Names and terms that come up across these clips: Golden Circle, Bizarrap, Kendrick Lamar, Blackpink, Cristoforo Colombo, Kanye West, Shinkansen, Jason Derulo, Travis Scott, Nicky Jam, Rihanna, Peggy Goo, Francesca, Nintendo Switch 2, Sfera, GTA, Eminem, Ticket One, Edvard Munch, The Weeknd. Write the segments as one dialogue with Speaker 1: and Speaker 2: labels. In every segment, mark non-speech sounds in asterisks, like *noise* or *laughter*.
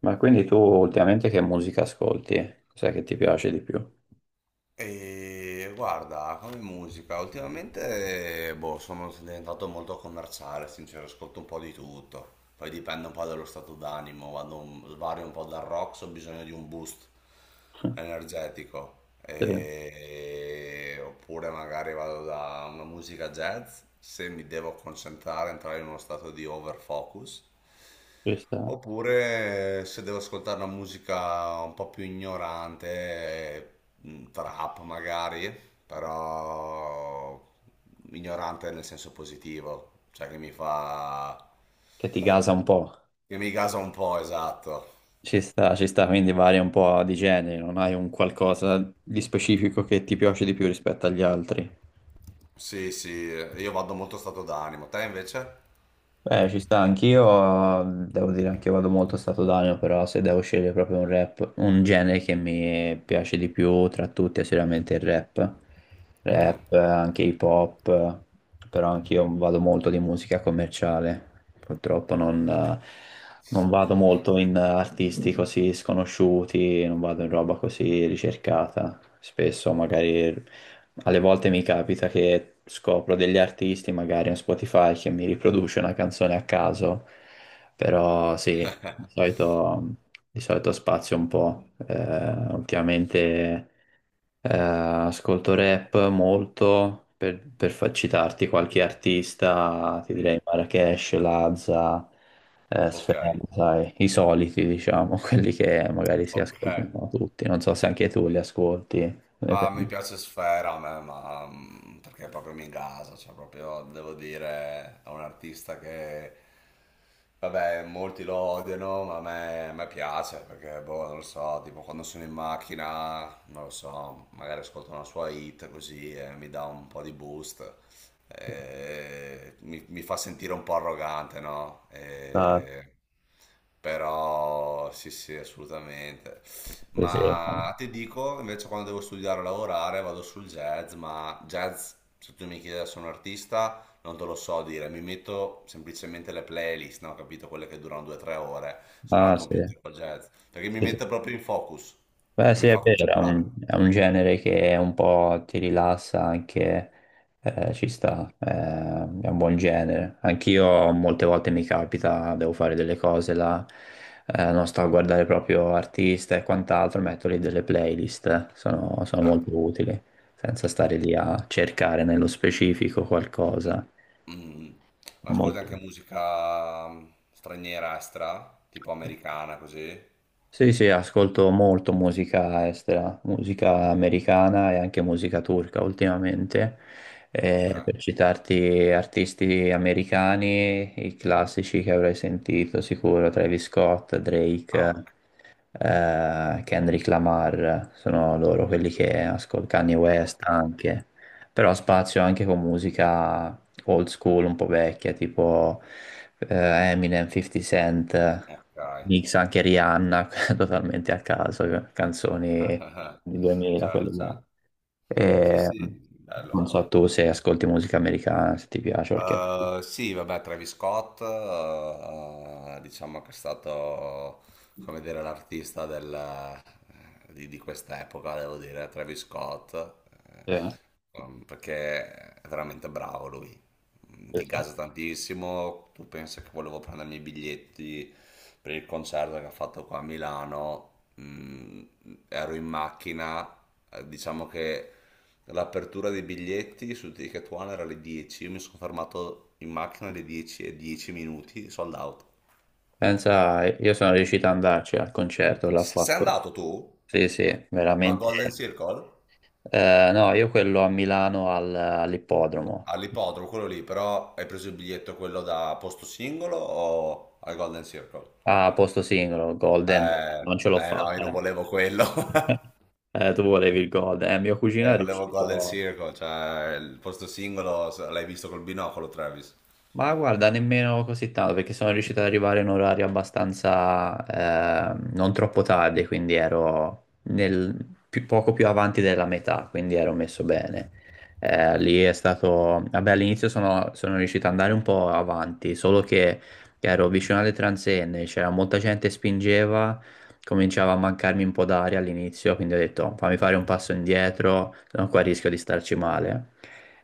Speaker 1: Ma quindi tu ultimamente che musica ascolti? Cos'è che ti piace di più?
Speaker 2: Guarda, come musica, ultimamente sono diventato molto commerciale, sincero, ascolto un po' di tutto. Poi dipende un po' dallo stato d'animo, vario un po' dal rock se ho bisogno di un boost
Speaker 1: *laughs*
Speaker 2: energetico.
Speaker 1: Sì,
Speaker 2: Oppure magari vado da una musica jazz se mi devo concentrare, entrare in uno stato di overfocus.
Speaker 1: ci sta.
Speaker 2: Oppure se devo ascoltare una musica un po' più ignorante, trap magari, però ignorante nel senso positivo, cioè che mi fa...
Speaker 1: Che ti gasa un po'.
Speaker 2: che mi gasa un po', esatto.
Speaker 1: Ci sta, quindi varia un po' di genere, non hai un qualcosa di specifico che ti piace di più rispetto agli altri.
Speaker 2: Sì, sì, io vado molto stato d'animo. Te invece?
Speaker 1: Beh, ci sta, anch'io devo dire anche io vado molto a stato d'animo, però se devo scegliere proprio un rap, un genere che mi piace di più tra tutti è sicuramente il rap.
Speaker 2: Mhm.
Speaker 1: Rap, anche hip hop, però anch'io vado molto di musica commerciale. Purtroppo non vado molto in artisti così sconosciuti, non vado in roba così ricercata. Spesso magari, alle volte mi capita che scopro degli artisti, magari un Spotify che mi riproduce una canzone a caso, però sì,
Speaker 2: *laughs*
Speaker 1: di solito spazio un po'. Ultimamente. Eh, ascolto rap molto, per citarti qualche artista, ti
Speaker 2: Mm.
Speaker 1: direi Marracash, Lazza, Sfera,
Speaker 2: Ok,
Speaker 1: sai, i soliti, diciamo, *laughs* quelli che magari si
Speaker 2: ok.
Speaker 1: ascoltano tutti. Non so se anche tu li ascolti. Ne
Speaker 2: Bah, mi
Speaker 1: pensi?
Speaker 2: piace Sfera a me, ma perché proprio mi gasa, cioè proprio devo dire, è un artista che, vabbè, molti lo odiano, ma a me piace perché, boh, non lo so, tipo quando sono in macchina, non lo so, magari ascolto una sua hit così e mi dà un po' di boost, mi fa sentire un po' arrogante, no?
Speaker 1: Ah,
Speaker 2: Però sì, sì, assolutamente.
Speaker 1: sì, sì.
Speaker 2: Ma ti dico, invece quando devo studiare o lavorare vado sul jazz, ma jazz, se tu mi chiedi se sono un artista, non te lo so dire, mi metto semplicemente le playlist, no? Capito? Quelle che durano 2-3 ore, solo al
Speaker 1: Ah, sì.
Speaker 2: computer con jazz, perché mi
Speaker 1: Sì, sì.
Speaker 2: mette proprio in focus,
Speaker 1: Beh,
Speaker 2: cioè
Speaker 1: sì,
Speaker 2: mi
Speaker 1: è
Speaker 2: fa
Speaker 1: vero, è un,
Speaker 2: concentrare,
Speaker 1: è un, genere che un po' ti rilassa anche, ci sta, è un buon genere. Anch'io molte volte mi capita, devo fare delle cose là, non sto a guardare proprio artista e quant'altro, metto lì delle playlist, sono
Speaker 2: certo.
Speaker 1: molto utili, senza stare lì a cercare nello specifico qualcosa.
Speaker 2: Mm. Ascolti anche
Speaker 1: Molto.
Speaker 2: musica straniera, extra, tipo americana, così?
Speaker 1: Sì, sì, ascolto molto musica estera, musica americana e anche musica turca ultimamente.
Speaker 2: Ok.
Speaker 1: Per citarti artisti americani, i classici che avrai sentito sicuro, Travis Scott,
Speaker 2: Ah,
Speaker 1: Drake, Kendrick Lamar, sono loro quelli che ascolto, Kanye West
Speaker 2: ok,
Speaker 1: anche. Però spazio anche con musica old school, un po' vecchia, tipo Eminem, 50 Cent,
Speaker 2: ok.
Speaker 1: mix anche Rihanna *laughs* totalmente a caso,
Speaker 2: *laughs*
Speaker 1: canzoni
Speaker 2: ok.
Speaker 1: di 2000, quelle
Speaker 2: Certo,
Speaker 1: là. Mm.
Speaker 2: certo. Sì,
Speaker 1: E,
Speaker 2: sì,
Speaker 1: non
Speaker 2: bello.
Speaker 1: so tu se ascolti musica americana, se ti piace qualche artista.
Speaker 2: Sì, vabbè, Travis Scott, diciamo che è stato, come dire, l'artista di quest'epoca, devo dire, Travis Scott,
Speaker 1: Eh,
Speaker 2: perché è veramente bravo lui. Mm.
Speaker 1: sì,
Speaker 2: Ti
Speaker 1: sì.
Speaker 2: gasa tantissimo, tu pensa che volevo prendermi i biglietti per il concerto che ha fatto qua a Milano, mm, ero in macchina, diciamo che... L'apertura dei biglietti su Ticket One era alle 10, io mi sono fermato in macchina alle 10 e 10 minuti, sold out.
Speaker 1: Pensa, io sono riuscito ad andarci al concerto, l'ho
Speaker 2: Sei
Speaker 1: fatto.
Speaker 2: andato tu?
Speaker 1: Sì, sì,
Speaker 2: Ma a
Speaker 1: veramente.
Speaker 2: Golden Circle?
Speaker 1: No, io quello a Milano all'ippodromo,
Speaker 2: All'ippodromo, quello lì, però hai preso il biglietto quello da posto singolo o al Golden Circle?
Speaker 1: a posto singolo, Golden,
Speaker 2: Eh,
Speaker 1: non ce l'ho
Speaker 2: eh no, io
Speaker 1: fatta.
Speaker 2: non
Speaker 1: Eh.
Speaker 2: volevo quello. *laughs*
Speaker 1: *laughs* Tu volevi il Golden, mio cugino è
Speaker 2: Volevo il Golden
Speaker 1: riuscito.
Speaker 2: Circle, cioè il posto singolo l'hai visto col binocolo, Travis.
Speaker 1: Ma guarda, nemmeno così tanto perché sono riuscito ad arrivare in un orario abbastanza non troppo tardi, quindi ero poco più avanti della metà, quindi ero messo bene. Lì è stato, vabbè, all'inizio sono riuscito ad andare un po' avanti, solo che ero vicino alle transenne, c'era molta gente che spingeva, cominciava a mancarmi un po' d'aria all'inizio, quindi ho detto fammi fare un passo indietro, se no qua rischio di starci male.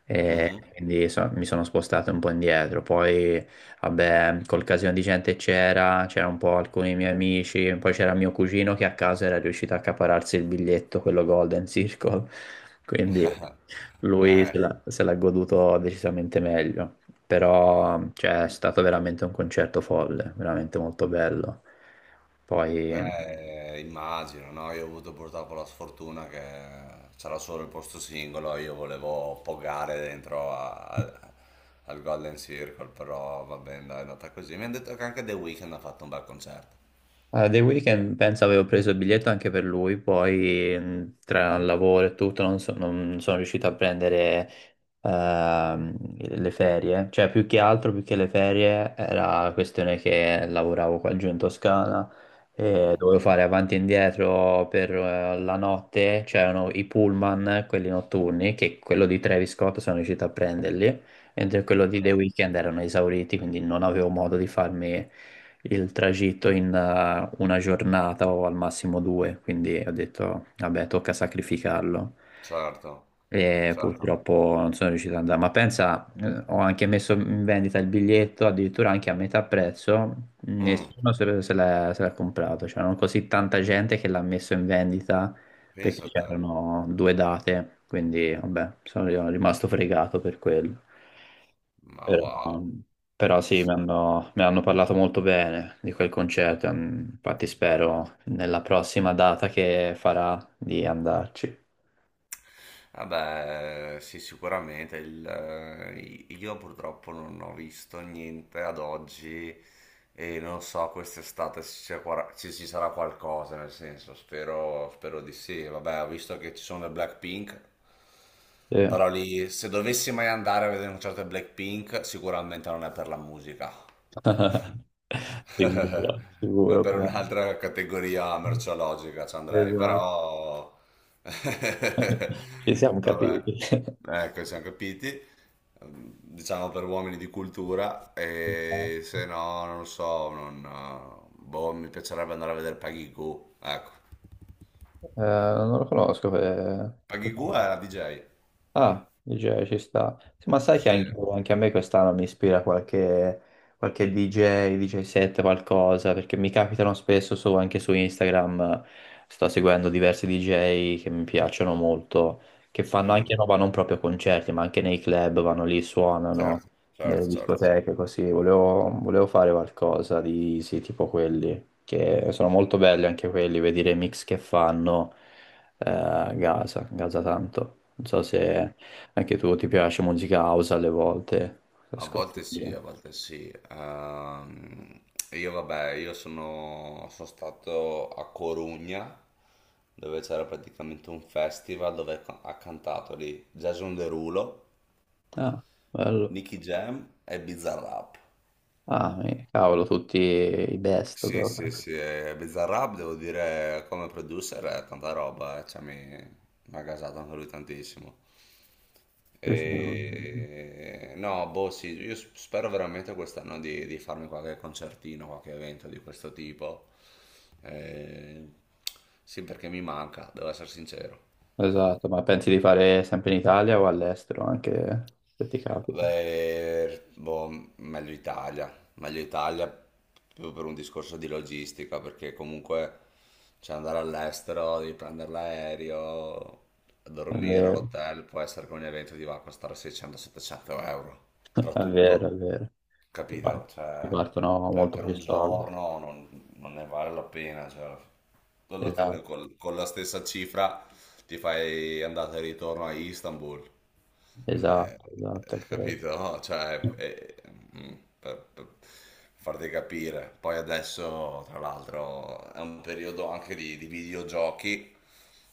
Speaker 1: E
Speaker 2: Mhm.
Speaker 1: quindi mi sono spostato un po' indietro. Poi, vabbè, col casino di gente c'era un po' alcuni miei amici, poi c'era mio cugino che a caso era riuscito a accapararsi il biglietto, quello Golden Circle, *laughs* quindi
Speaker 2: *laughs*
Speaker 1: lui se
Speaker 2: Eh,
Speaker 1: l'ha se l'ha goduto decisamente meglio. Però, cioè, è stato veramente un concerto folle, veramente molto bello. Poi...
Speaker 2: Beh, immagino, no? Io ho avuto purtroppo la sfortuna che c'era solo il posto singolo, io volevo poggare dentro al Golden Circle, però va bene, dai, è andata così. Mi hanno detto che anche The Weeknd ha fatto un bel concerto.
Speaker 1: Allora, The Weeknd penso avevo preso il biglietto anche per lui, poi tra il lavoro e tutto non sono riuscito a prendere ehm, le ferie, cioè più che altro, più che le ferie, era la questione che lavoravo qua giù in Toscana e
Speaker 2: Mm,
Speaker 1: dovevo fare avanti e indietro per la notte, c'erano i pullman, quelli notturni, che quello di Travis Scott sono riuscito a prenderli, mentre quello
Speaker 2: ok,
Speaker 1: di The Weeknd erano esauriti, quindi non avevo modo di farmi il tragitto in una giornata o al massimo due, quindi ho detto, vabbè, tocca sacrificarlo.
Speaker 2: certo,
Speaker 1: E
Speaker 2: certo.
Speaker 1: purtroppo non sono riuscito ad andare, ma pensa, ho anche messo in vendita il biglietto, addirittura anche a metà prezzo,
Speaker 2: Mm,
Speaker 1: nessuno se l'ha comprato, c'era così tanta gente che l'ha messo in vendita
Speaker 2: pensa
Speaker 1: perché
Speaker 2: a te,
Speaker 1: c'erano due date, quindi vabbè, sono rimasto fregato per quello.
Speaker 2: ma
Speaker 1: Però,
Speaker 2: wow.
Speaker 1: però sì, mi hanno parlato molto bene di quel concerto, infatti spero nella prossima data che farà di andarci.
Speaker 2: Vabbè, sì, sicuramente. Io purtroppo non ho visto niente ad oggi e non so quest'estate se c'è quara- se ci sarà qualcosa, nel senso, spero, spero di sì. Vabbè, ho visto che ci sono le Blackpink.
Speaker 1: Sì.
Speaker 2: Però lì, se dovessi mai andare a vedere un concerto di Blackpink, sicuramente non è per la musica.
Speaker 1: *laughs* Sicuro,
Speaker 2: *laughs* È
Speaker 1: sicuro.
Speaker 2: per
Speaker 1: Però.
Speaker 2: un'altra categoria merceologica ci andrei,
Speaker 1: Esatto.
Speaker 2: però...
Speaker 1: *laughs* Ci siamo
Speaker 2: *laughs* Vabbè,
Speaker 1: capiti.
Speaker 2: ecco, siamo capiti. Diciamo per uomini di cultura, e
Speaker 1: *laughs*
Speaker 2: se no, non lo so, non... Boh, mi piacerebbe andare a vedere Peggy Goo, ecco.
Speaker 1: Non lo conosco. eh,
Speaker 2: Peggy
Speaker 1: cos'è?
Speaker 2: Goo è la DJ.
Speaker 1: Ah, DJ ci sta. Sì, ma sai che
Speaker 2: Sì.
Speaker 1: anche a me quest'anno mi ispira qualche DJ, DJ set, qualcosa, perché mi capitano spesso anche su Instagram, sto seguendo diversi DJ che mi piacciono molto, che fanno anche
Speaker 2: Mhm.
Speaker 1: roba non proprio concerti, ma anche nei club, vanno lì, suonano,
Speaker 2: Certo,
Speaker 1: nelle
Speaker 2: certo, certo, certo.
Speaker 1: discoteche, così. Volevo fare qualcosa di, sì, tipo quelli, che sono molto belli anche quelli, vedere i mix che fanno Gaza, Gaza tanto. Non so se anche tu ti piace musica house alle volte.
Speaker 2: A
Speaker 1: Ascolti
Speaker 2: volte sì,
Speaker 1: pure.
Speaker 2: a volte sì. Io vabbè, sono stato a Corugna, dove c'era praticamente un festival dove ha cantato lì Jason Derulo,
Speaker 1: Ah, bello.
Speaker 2: Nicky Jam e Bizarrap.
Speaker 1: Ah, cavolo, tutti i best
Speaker 2: Sì, sì,
Speaker 1: proprio.
Speaker 2: sì, e Bizarrap devo dire come producer è tanta roba, cioè mi ha gasato anche lui tantissimo.
Speaker 1: Sì, sì.
Speaker 2: E... No, boh, sì, io spero veramente quest'anno di farmi qualche concertino, qualche evento di questo tipo. Eh, Sì, perché mi manca, devo essere sincero.
Speaker 1: Esatto, ma pensi di fare sempre in Italia o all'estero anche se ti capita?
Speaker 2: Beh, boh, meglio Italia più per un discorso di logistica, perché comunque cioè, andare all'estero, devi prendere l'aereo,
Speaker 1: È
Speaker 2: dormire
Speaker 1: vero,
Speaker 2: all'hotel, può essere che un evento ti va a costare 600-700 euro,
Speaker 1: *laughs*
Speaker 2: tra
Speaker 1: è
Speaker 2: tutto.
Speaker 1: vero, è vero. Ti par-
Speaker 2: Capito?
Speaker 1: ti
Speaker 2: Cioè,
Speaker 1: partono molto
Speaker 2: per
Speaker 1: più
Speaker 2: un
Speaker 1: soldi.
Speaker 2: giorno non, non ne vale la pena. Cioè, alla fine
Speaker 1: Esatto,
Speaker 2: con la stessa cifra ti fai andata e ritorno a Istanbul. Eh,
Speaker 1: esatto, esatto. È quello.
Speaker 2: capito? *laughs* Cioè, mm, per farti capire. Poi adesso, tra l'altro, è un periodo anche di videogiochi,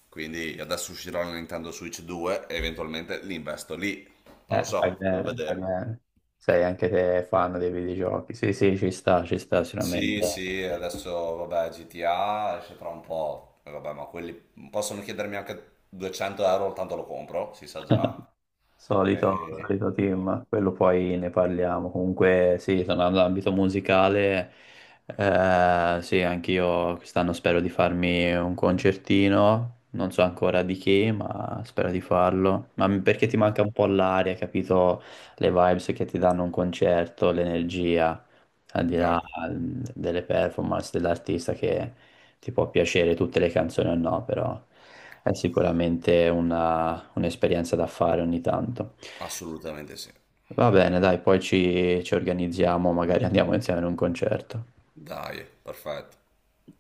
Speaker 2: quindi adesso uscirà la Nintendo Switch 2 e eventualmente li investo lì. Non lo
Speaker 1: Fai
Speaker 2: so, devo
Speaker 1: bene, fai
Speaker 2: vedere.
Speaker 1: bene. Sei anche te fan dei videogiochi. Sì, sì, ci sta
Speaker 2: Sì,
Speaker 1: sicuramente.
Speaker 2: sì, adesso vabbè, GTA esce tra un po', e vabbè, ma quelli possono chiedermi anche 200 euro, tanto lo compro, si sa già.
Speaker 1: Solito,
Speaker 2: E...
Speaker 1: solito team, quello poi ne parliamo. Comunque, sì, tornando all'ambito musicale, sì, anch'io quest'anno spero di farmi un concertino. Non so ancora di chi, ma spero di farlo. Ma perché ti manca un po' l'aria, capito? Le vibes che ti danno un concerto, l'energia, al di là
Speaker 2: Certo,
Speaker 1: delle performance dell'artista che ti può piacere tutte le canzoni o no, però è sicuramente un'esperienza da fare ogni tanto.
Speaker 2: assolutamente sì.
Speaker 1: Va bene, dai, poi ci organizziamo, magari andiamo insieme in un concerto.
Speaker 2: Dai, perfetto.